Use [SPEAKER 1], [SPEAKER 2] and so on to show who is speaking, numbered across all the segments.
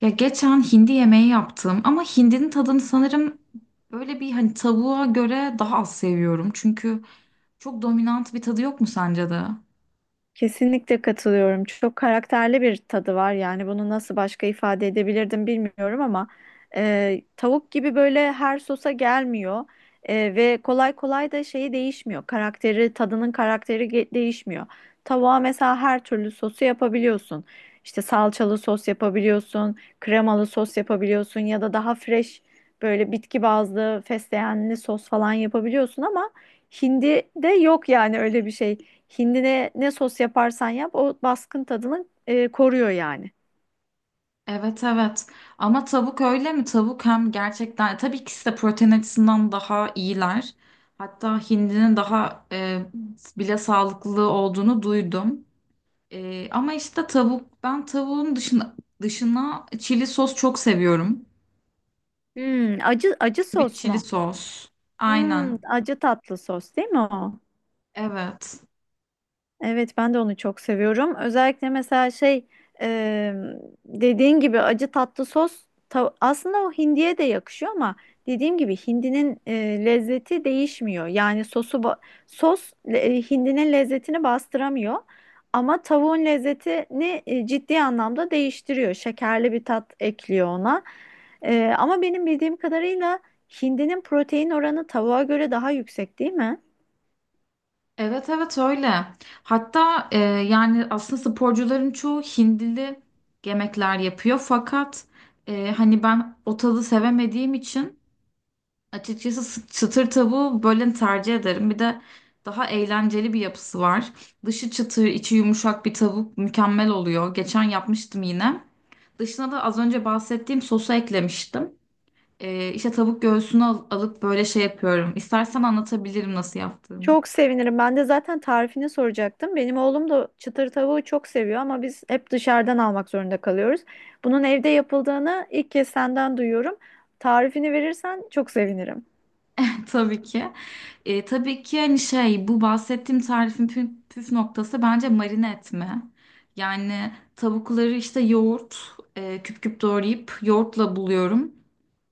[SPEAKER 1] Ya geçen hindi yemeği yaptım ama hindinin tadını sanırım böyle bir hani tavuğa göre daha az seviyorum. Çünkü çok dominant bir tadı yok mu sence de?
[SPEAKER 2] Kesinlikle katılıyorum. Çok karakterli bir tadı var. Yani bunu nasıl başka ifade edebilirdim bilmiyorum ama tavuk gibi böyle her sosa gelmiyor. Ve kolay kolay da şeyi değişmiyor. Karakteri, tadının karakteri değişmiyor. Tavuğa mesela her türlü sosu yapabiliyorsun. İşte salçalı sos yapabiliyorsun, kremalı sos yapabiliyorsun ya da daha fresh böyle bitki bazlı fesleğenli sos falan yapabiliyorsun ama hindide yok yani öyle bir şey. Hindine ne sos yaparsan yap o baskın tadını koruyor yani.
[SPEAKER 1] Evet, evet, ama tavuk öyle mi? Tavuk hem gerçekten tabii ikisi de protein açısından daha iyiler. Hatta hindinin daha bile sağlıklı olduğunu duydum. Ama işte tavuk ben tavuğun dışına çili sos çok seviyorum.
[SPEAKER 2] Hmm, acı acı
[SPEAKER 1] Sweet
[SPEAKER 2] sos
[SPEAKER 1] çili
[SPEAKER 2] mu?
[SPEAKER 1] sos.
[SPEAKER 2] Hmm,
[SPEAKER 1] Aynen.
[SPEAKER 2] acı tatlı sos değil mi o?
[SPEAKER 1] Evet.
[SPEAKER 2] Evet, ben de onu çok seviyorum. Özellikle mesela şey, e, dediğin gibi acı tatlı sos aslında o hindiye de yakışıyor ama dediğim gibi hindinin lezzeti değişmiyor. Yani sos hindinin lezzetini bastıramıyor ama tavuğun lezzetini ciddi anlamda değiştiriyor. Şekerli bir tat ekliyor ona. Ama benim bildiğim kadarıyla hindinin protein oranı tavuğa göre daha yüksek değil mi?
[SPEAKER 1] Evet, evet, öyle. Hatta yani aslında sporcuların çoğu hindili yemekler yapıyor. Fakat hani ben o tadı sevemediğim için açıkçası çıtır tavuğu böyle tercih ederim. Bir de daha eğlenceli bir yapısı var. Dışı çıtır, içi yumuşak bir tavuk mükemmel oluyor. Geçen yapmıştım yine. Dışına da az önce bahsettiğim sosu eklemiştim. E, işte tavuk göğsünü alıp böyle şey yapıyorum. İstersen anlatabilirim nasıl yaptığımı.
[SPEAKER 2] Çok sevinirim. Ben de zaten tarifini soracaktım. Benim oğlum da çıtır tavuğu çok seviyor ama biz hep dışarıdan almak zorunda kalıyoruz. Bunun evde yapıldığını ilk kez senden duyuyorum. Tarifini verirsen çok sevinirim.
[SPEAKER 1] Tabii ki. Tabii ki hani şey bu bahsettiğim tarifin püf noktası bence marine etme. Yani tavukları işte yoğurt küp küp doğrayıp yoğurtla buluyorum.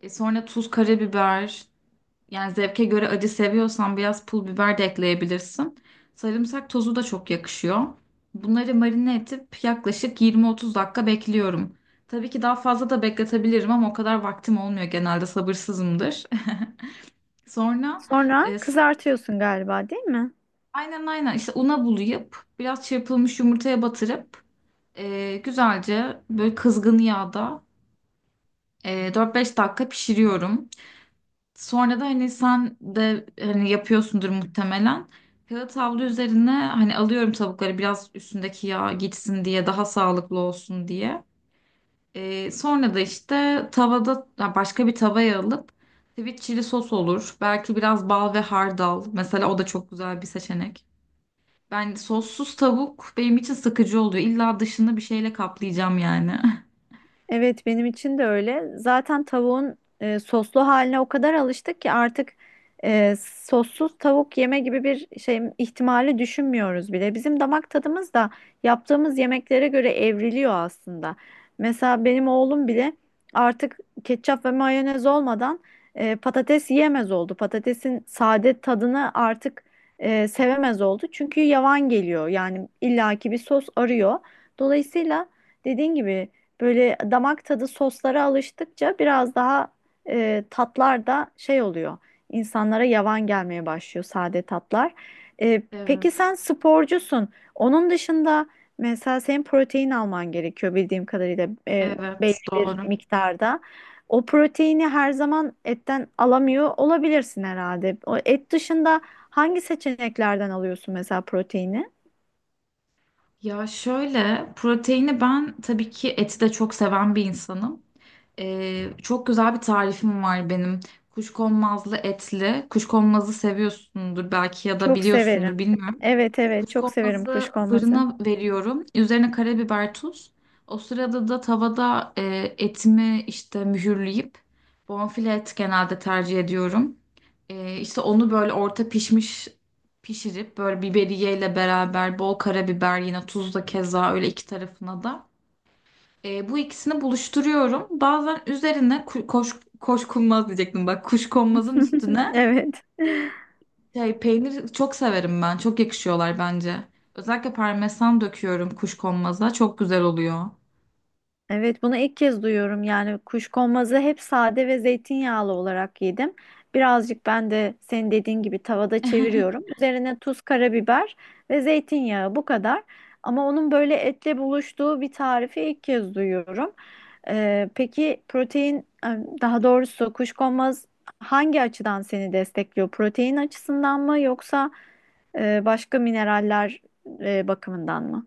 [SPEAKER 1] Sonra tuz, karabiber, yani zevke göre acı seviyorsan biraz pul biber de ekleyebilirsin. Sarımsak tozu da çok yakışıyor. Bunları marine edip yaklaşık 20-30 dakika bekliyorum. Tabii ki daha fazla da bekletebilirim ama o kadar vaktim olmuyor, genelde sabırsızımdır. Sonra, e,
[SPEAKER 2] Sonra
[SPEAKER 1] s-
[SPEAKER 2] kızartıyorsun galiba, değil mi?
[SPEAKER 1] aynen, aynen, işte una bulayıp biraz çırpılmış yumurtaya batırıp güzelce böyle kızgın yağda 4-5 dakika pişiriyorum. Sonra da hani sen de hani yapıyorsundur muhtemelen. Kağıt havlu üzerine hani alıyorum tavukları, biraz üstündeki yağ gitsin diye, daha sağlıklı olsun diye. Sonra da işte tavada ya başka bir tavaya alıp sweet chili sos olur. Belki biraz bal ve hardal. Mesela o da çok güzel bir seçenek. Ben sossuz tavuk, benim için sıkıcı oluyor. İlla dışını bir şeyle kaplayacağım yani.
[SPEAKER 2] Evet, benim için de öyle. Zaten tavuğun soslu haline o kadar alıştık ki artık sossuz tavuk yeme gibi bir şey ihtimali düşünmüyoruz bile. Bizim damak tadımız da yaptığımız yemeklere göre evriliyor aslında. Mesela benim oğlum bile artık ketçap ve mayonez olmadan patates yiyemez oldu. Patatesin sade tadını artık sevemez oldu. Çünkü yavan geliyor. Yani illaki bir sos arıyor. Dolayısıyla, dediğin gibi, böyle damak tadı soslara alıştıkça biraz daha tatlar da şey oluyor. İnsanlara yavan gelmeye başlıyor sade tatlar. Peki
[SPEAKER 1] Evet,
[SPEAKER 2] sen sporcusun. Onun dışında mesela senin protein alman gerekiyor bildiğim kadarıyla, belli
[SPEAKER 1] evet
[SPEAKER 2] bir
[SPEAKER 1] doğru.
[SPEAKER 2] miktarda. O proteini her zaman etten alamıyor olabilirsin herhalde. O et dışında hangi seçeneklerden alıyorsun mesela proteini?
[SPEAKER 1] Ya şöyle, proteini ben tabii ki eti de çok seven bir insanım. Çok güzel bir tarifim var benim. Kuşkonmazlı etli. Kuşkonmazı seviyorsundur belki ya da
[SPEAKER 2] Çok
[SPEAKER 1] biliyorsundur
[SPEAKER 2] severim.
[SPEAKER 1] bilmiyorum.
[SPEAKER 2] Evet, evet, çok severim
[SPEAKER 1] Kuşkonmazı
[SPEAKER 2] kuşkonmazı.
[SPEAKER 1] fırına veriyorum. Üzerine karabiber, tuz. O sırada da tavada etimi işte mühürleyip bonfile et genelde tercih ediyorum. E, işte onu böyle orta pişmiş pişirip böyle biberiyeyle beraber bol karabiber, yine tuz da keza öyle iki tarafına da. Bu ikisini buluşturuyorum. Bazen üzerine koş, koşkunmaz diyecektim bak, kuşkonmazın üstüne
[SPEAKER 2] Evet.
[SPEAKER 1] e, peynir çok severim ben. Çok yakışıyorlar bence. Özellikle parmesan döküyorum kuşkonmaza. Çok güzel oluyor.
[SPEAKER 2] Evet, bunu ilk kez duyuyorum. Yani kuşkonmazı hep sade ve zeytinyağlı olarak yedim. Birazcık ben de senin dediğin gibi tavada çeviriyorum. Üzerine tuz, karabiber ve zeytinyağı, bu kadar. Ama onun böyle etle buluştuğu bir tarifi ilk kez duyuyorum. Peki protein, daha doğrusu kuşkonmaz hangi açıdan seni destekliyor? Protein açısından mı yoksa başka mineraller bakımından mı?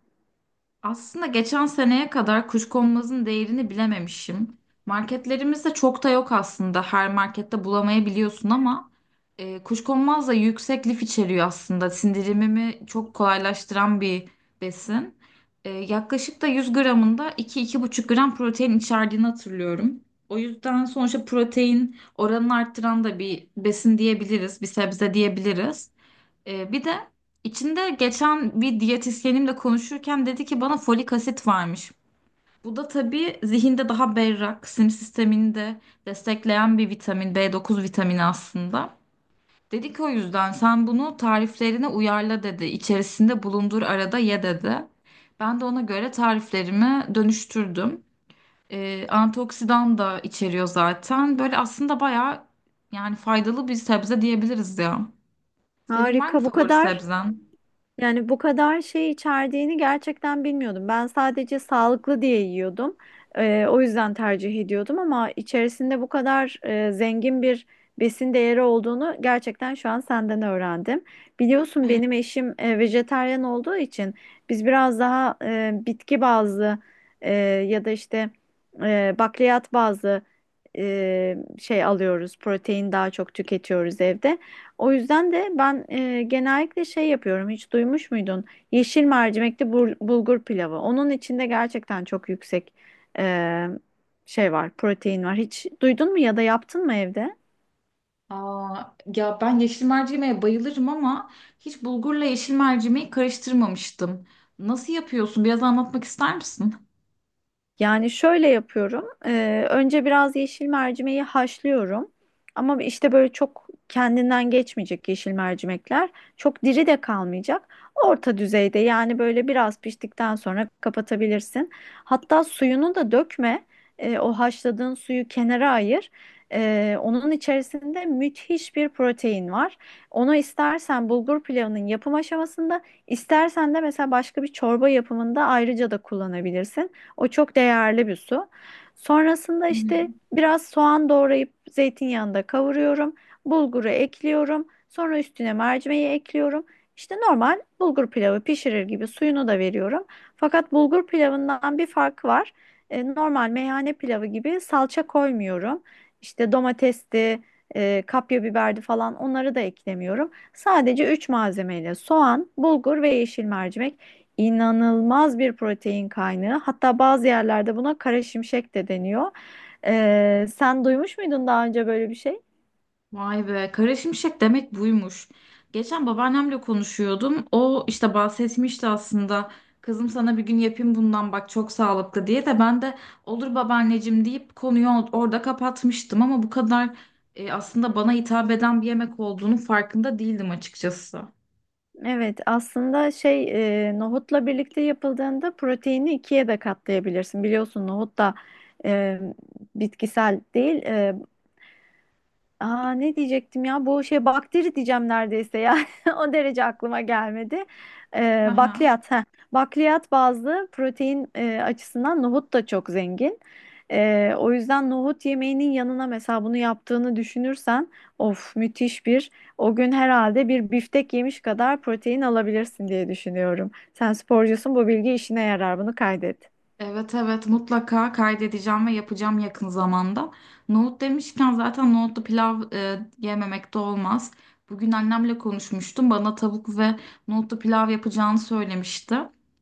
[SPEAKER 1] Aslında geçen seneye kadar Kuşkonmaz'ın değerini bilememişim. Marketlerimizde çok da yok aslında. Her markette bulamayabiliyorsun ama Kuşkonmaz da yüksek lif içeriyor aslında. Sindirimimi çok kolaylaştıran bir besin. Yaklaşık da 100 gramında 2-2,5 gram protein içerdiğini hatırlıyorum. O yüzden sonuçta protein oranını arttıran da bir besin diyebiliriz, bir sebze diyebiliriz. Bir de içinde geçen bir diyetisyenimle konuşurken dedi ki bana folik asit varmış. Bu da tabii zihinde daha berrak, sinir sistemini de destekleyen bir vitamin, B9 vitamini aslında. Dedi ki o yüzden sen bunu tariflerine uyarla dedi. İçerisinde bulundur, arada ye dedi. Ben de ona göre tariflerimi dönüştürdüm. Antioksidan da içeriyor zaten. Böyle aslında bayağı yani faydalı bir sebze diyebiliriz ya. Senin var mı
[SPEAKER 2] Harika, bu
[SPEAKER 1] favori
[SPEAKER 2] kadar.
[SPEAKER 1] sebzen?
[SPEAKER 2] Yani bu kadar şey içerdiğini gerçekten bilmiyordum. Ben sadece sağlıklı diye yiyordum. O yüzden tercih ediyordum ama içerisinde bu kadar zengin bir besin değeri olduğunu gerçekten şu an senden öğrendim. Biliyorsun benim eşim vejetaryen olduğu için biz biraz daha bitki bazlı e, ya da işte bakliyat bazlı şey alıyoruz. Protein daha çok tüketiyoruz evde. O yüzden de ben genellikle şey yapıyorum. Hiç duymuş muydun? Yeşil mercimekli bulgur pilavı. Onun içinde gerçekten çok yüksek e, şey var, protein var. Hiç duydun mu ya da yaptın mı evde?
[SPEAKER 1] Aa, ya ben yeşil mercimeğe bayılırım ama hiç bulgurla yeşil mercimeği karıştırmamıştım. Nasıl yapıyorsun? Biraz anlatmak ister misin?
[SPEAKER 2] Yani şöyle yapıyorum. Önce biraz yeşil mercimeği haşlıyorum. Ama işte böyle çok kendinden geçmeyecek yeşil mercimekler. Çok diri de kalmayacak. Orta düzeyde yani böyle biraz piştikten sonra kapatabilirsin. Hatta suyunu da dökme. O haşladığın suyu kenara ayır. Onun içerisinde müthiş bir protein var. Onu istersen bulgur pilavının yapım aşamasında, istersen de mesela başka bir çorba yapımında ayrıca da kullanabilirsin. O çok değerli bir su. Sonrasında
[SPEAKER 1] Hı hı.
[SPEAKER 2] işte biraz soğan doğrayıp zeytinyağında kavuruyorum. Bulguru ekliyorum. Sonra üstüne mercimeği ekliyorum. İşte normal bulgur pilavı pişirir gibi suyunu da veriyorum. Fakat bulgur pilavından bir farkı var. Normal meyhane pilavı gibi salça koymuyorum. İşte domatesti, kapya biberdi falan onları da eklemiyorum. Sadece 3 malzemeyle soğan, bulgur ve yeşil mercimek, inanılmaz bir protein kaynağı. Hatta bazı yerlerde buna kara şimşek de deniyor. Sen duymuş muydun daha önce böyle bir şey?
[SPEAKER 1] Vay be, kara şimşek demek buymuş. Geçen babaannemle konuşuyordum. O işte bahsetmişti aslında. Kızım sana bir gün yapayım bundan bak, çok sağlıklı diye, de ben de olur babaanneciğim deyip konuyu orada kapatmıştım, ama bu kadar aslında bana hitap eden bir yemek olduğunun farkında değildim açıkçası.
[SPEAKER 2] Evet, aslında şey, nohutla birlikte yapıldığında proteini ikiye de katlayabilirsin. Biliyorsun nohut da e, bitkisel değil, aa, ne diyecektim ya, bu şey bakteri diyeceğim neredeyse ya o derece aklıma gelmedi.
[SPEAKER 1] Hı.
[SPEAKER 2] Bakliyat, ha, bakliyat bazlı protein açısından nohut da çok zengin. O yüzden nohut yemeğinin yanına mesela bunu yaptığını düşünürsen of, müthiş bir, o gün herhalde bir biftek yemiş kadar protein alabilirsin diye düşünüyorum. Sen sporcusun, bu bilgi işine yarar, bunu kaydet.
[SPEAKER 1] Evet, evet, mutlaka kaydedeceğim ve yapacağım yakın zamanda. Nohut demişken zaten nohutlu pilav yememek de olmaz. Bugün annemle konuşmuştum. Bana tavuk ve nohutlu pilav yapacağını söylemişti.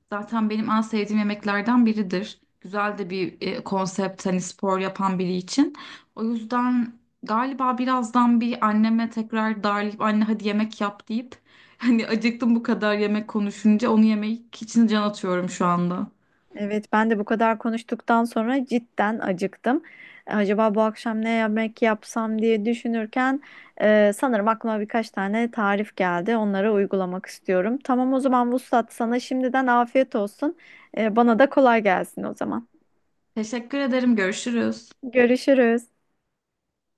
[SPEAKER 1] Zaten benim en sevdiğim yemeklerden biridir. Güzel de bir konsept hani spor yapan biri için. O yüzden galiba birazdan bir anneme tekrar darlayıp anne hadi yemek yap deyip hani acıktım, bu kadar yemek konuşunca onu yemek için can atıyorum şu anda.
[SPEAKER 2] Evet, ben de bu kadar konuştuktan sonra cidden acıktım. Acaba bu akşam ne yemek yapsam diye düşünürken sanırım aklıma birkaç tane tarif geldi. Onları uygulamak istiyorum. Tamam, o zaman Vuslat, sana şimdiden afiyet olsun. Bana da kolay gelsin o zaman.
[SPEAKER 1] Teşekkür ederim. Görüşürüz.
[SPEAKER 2] Görüşürüz.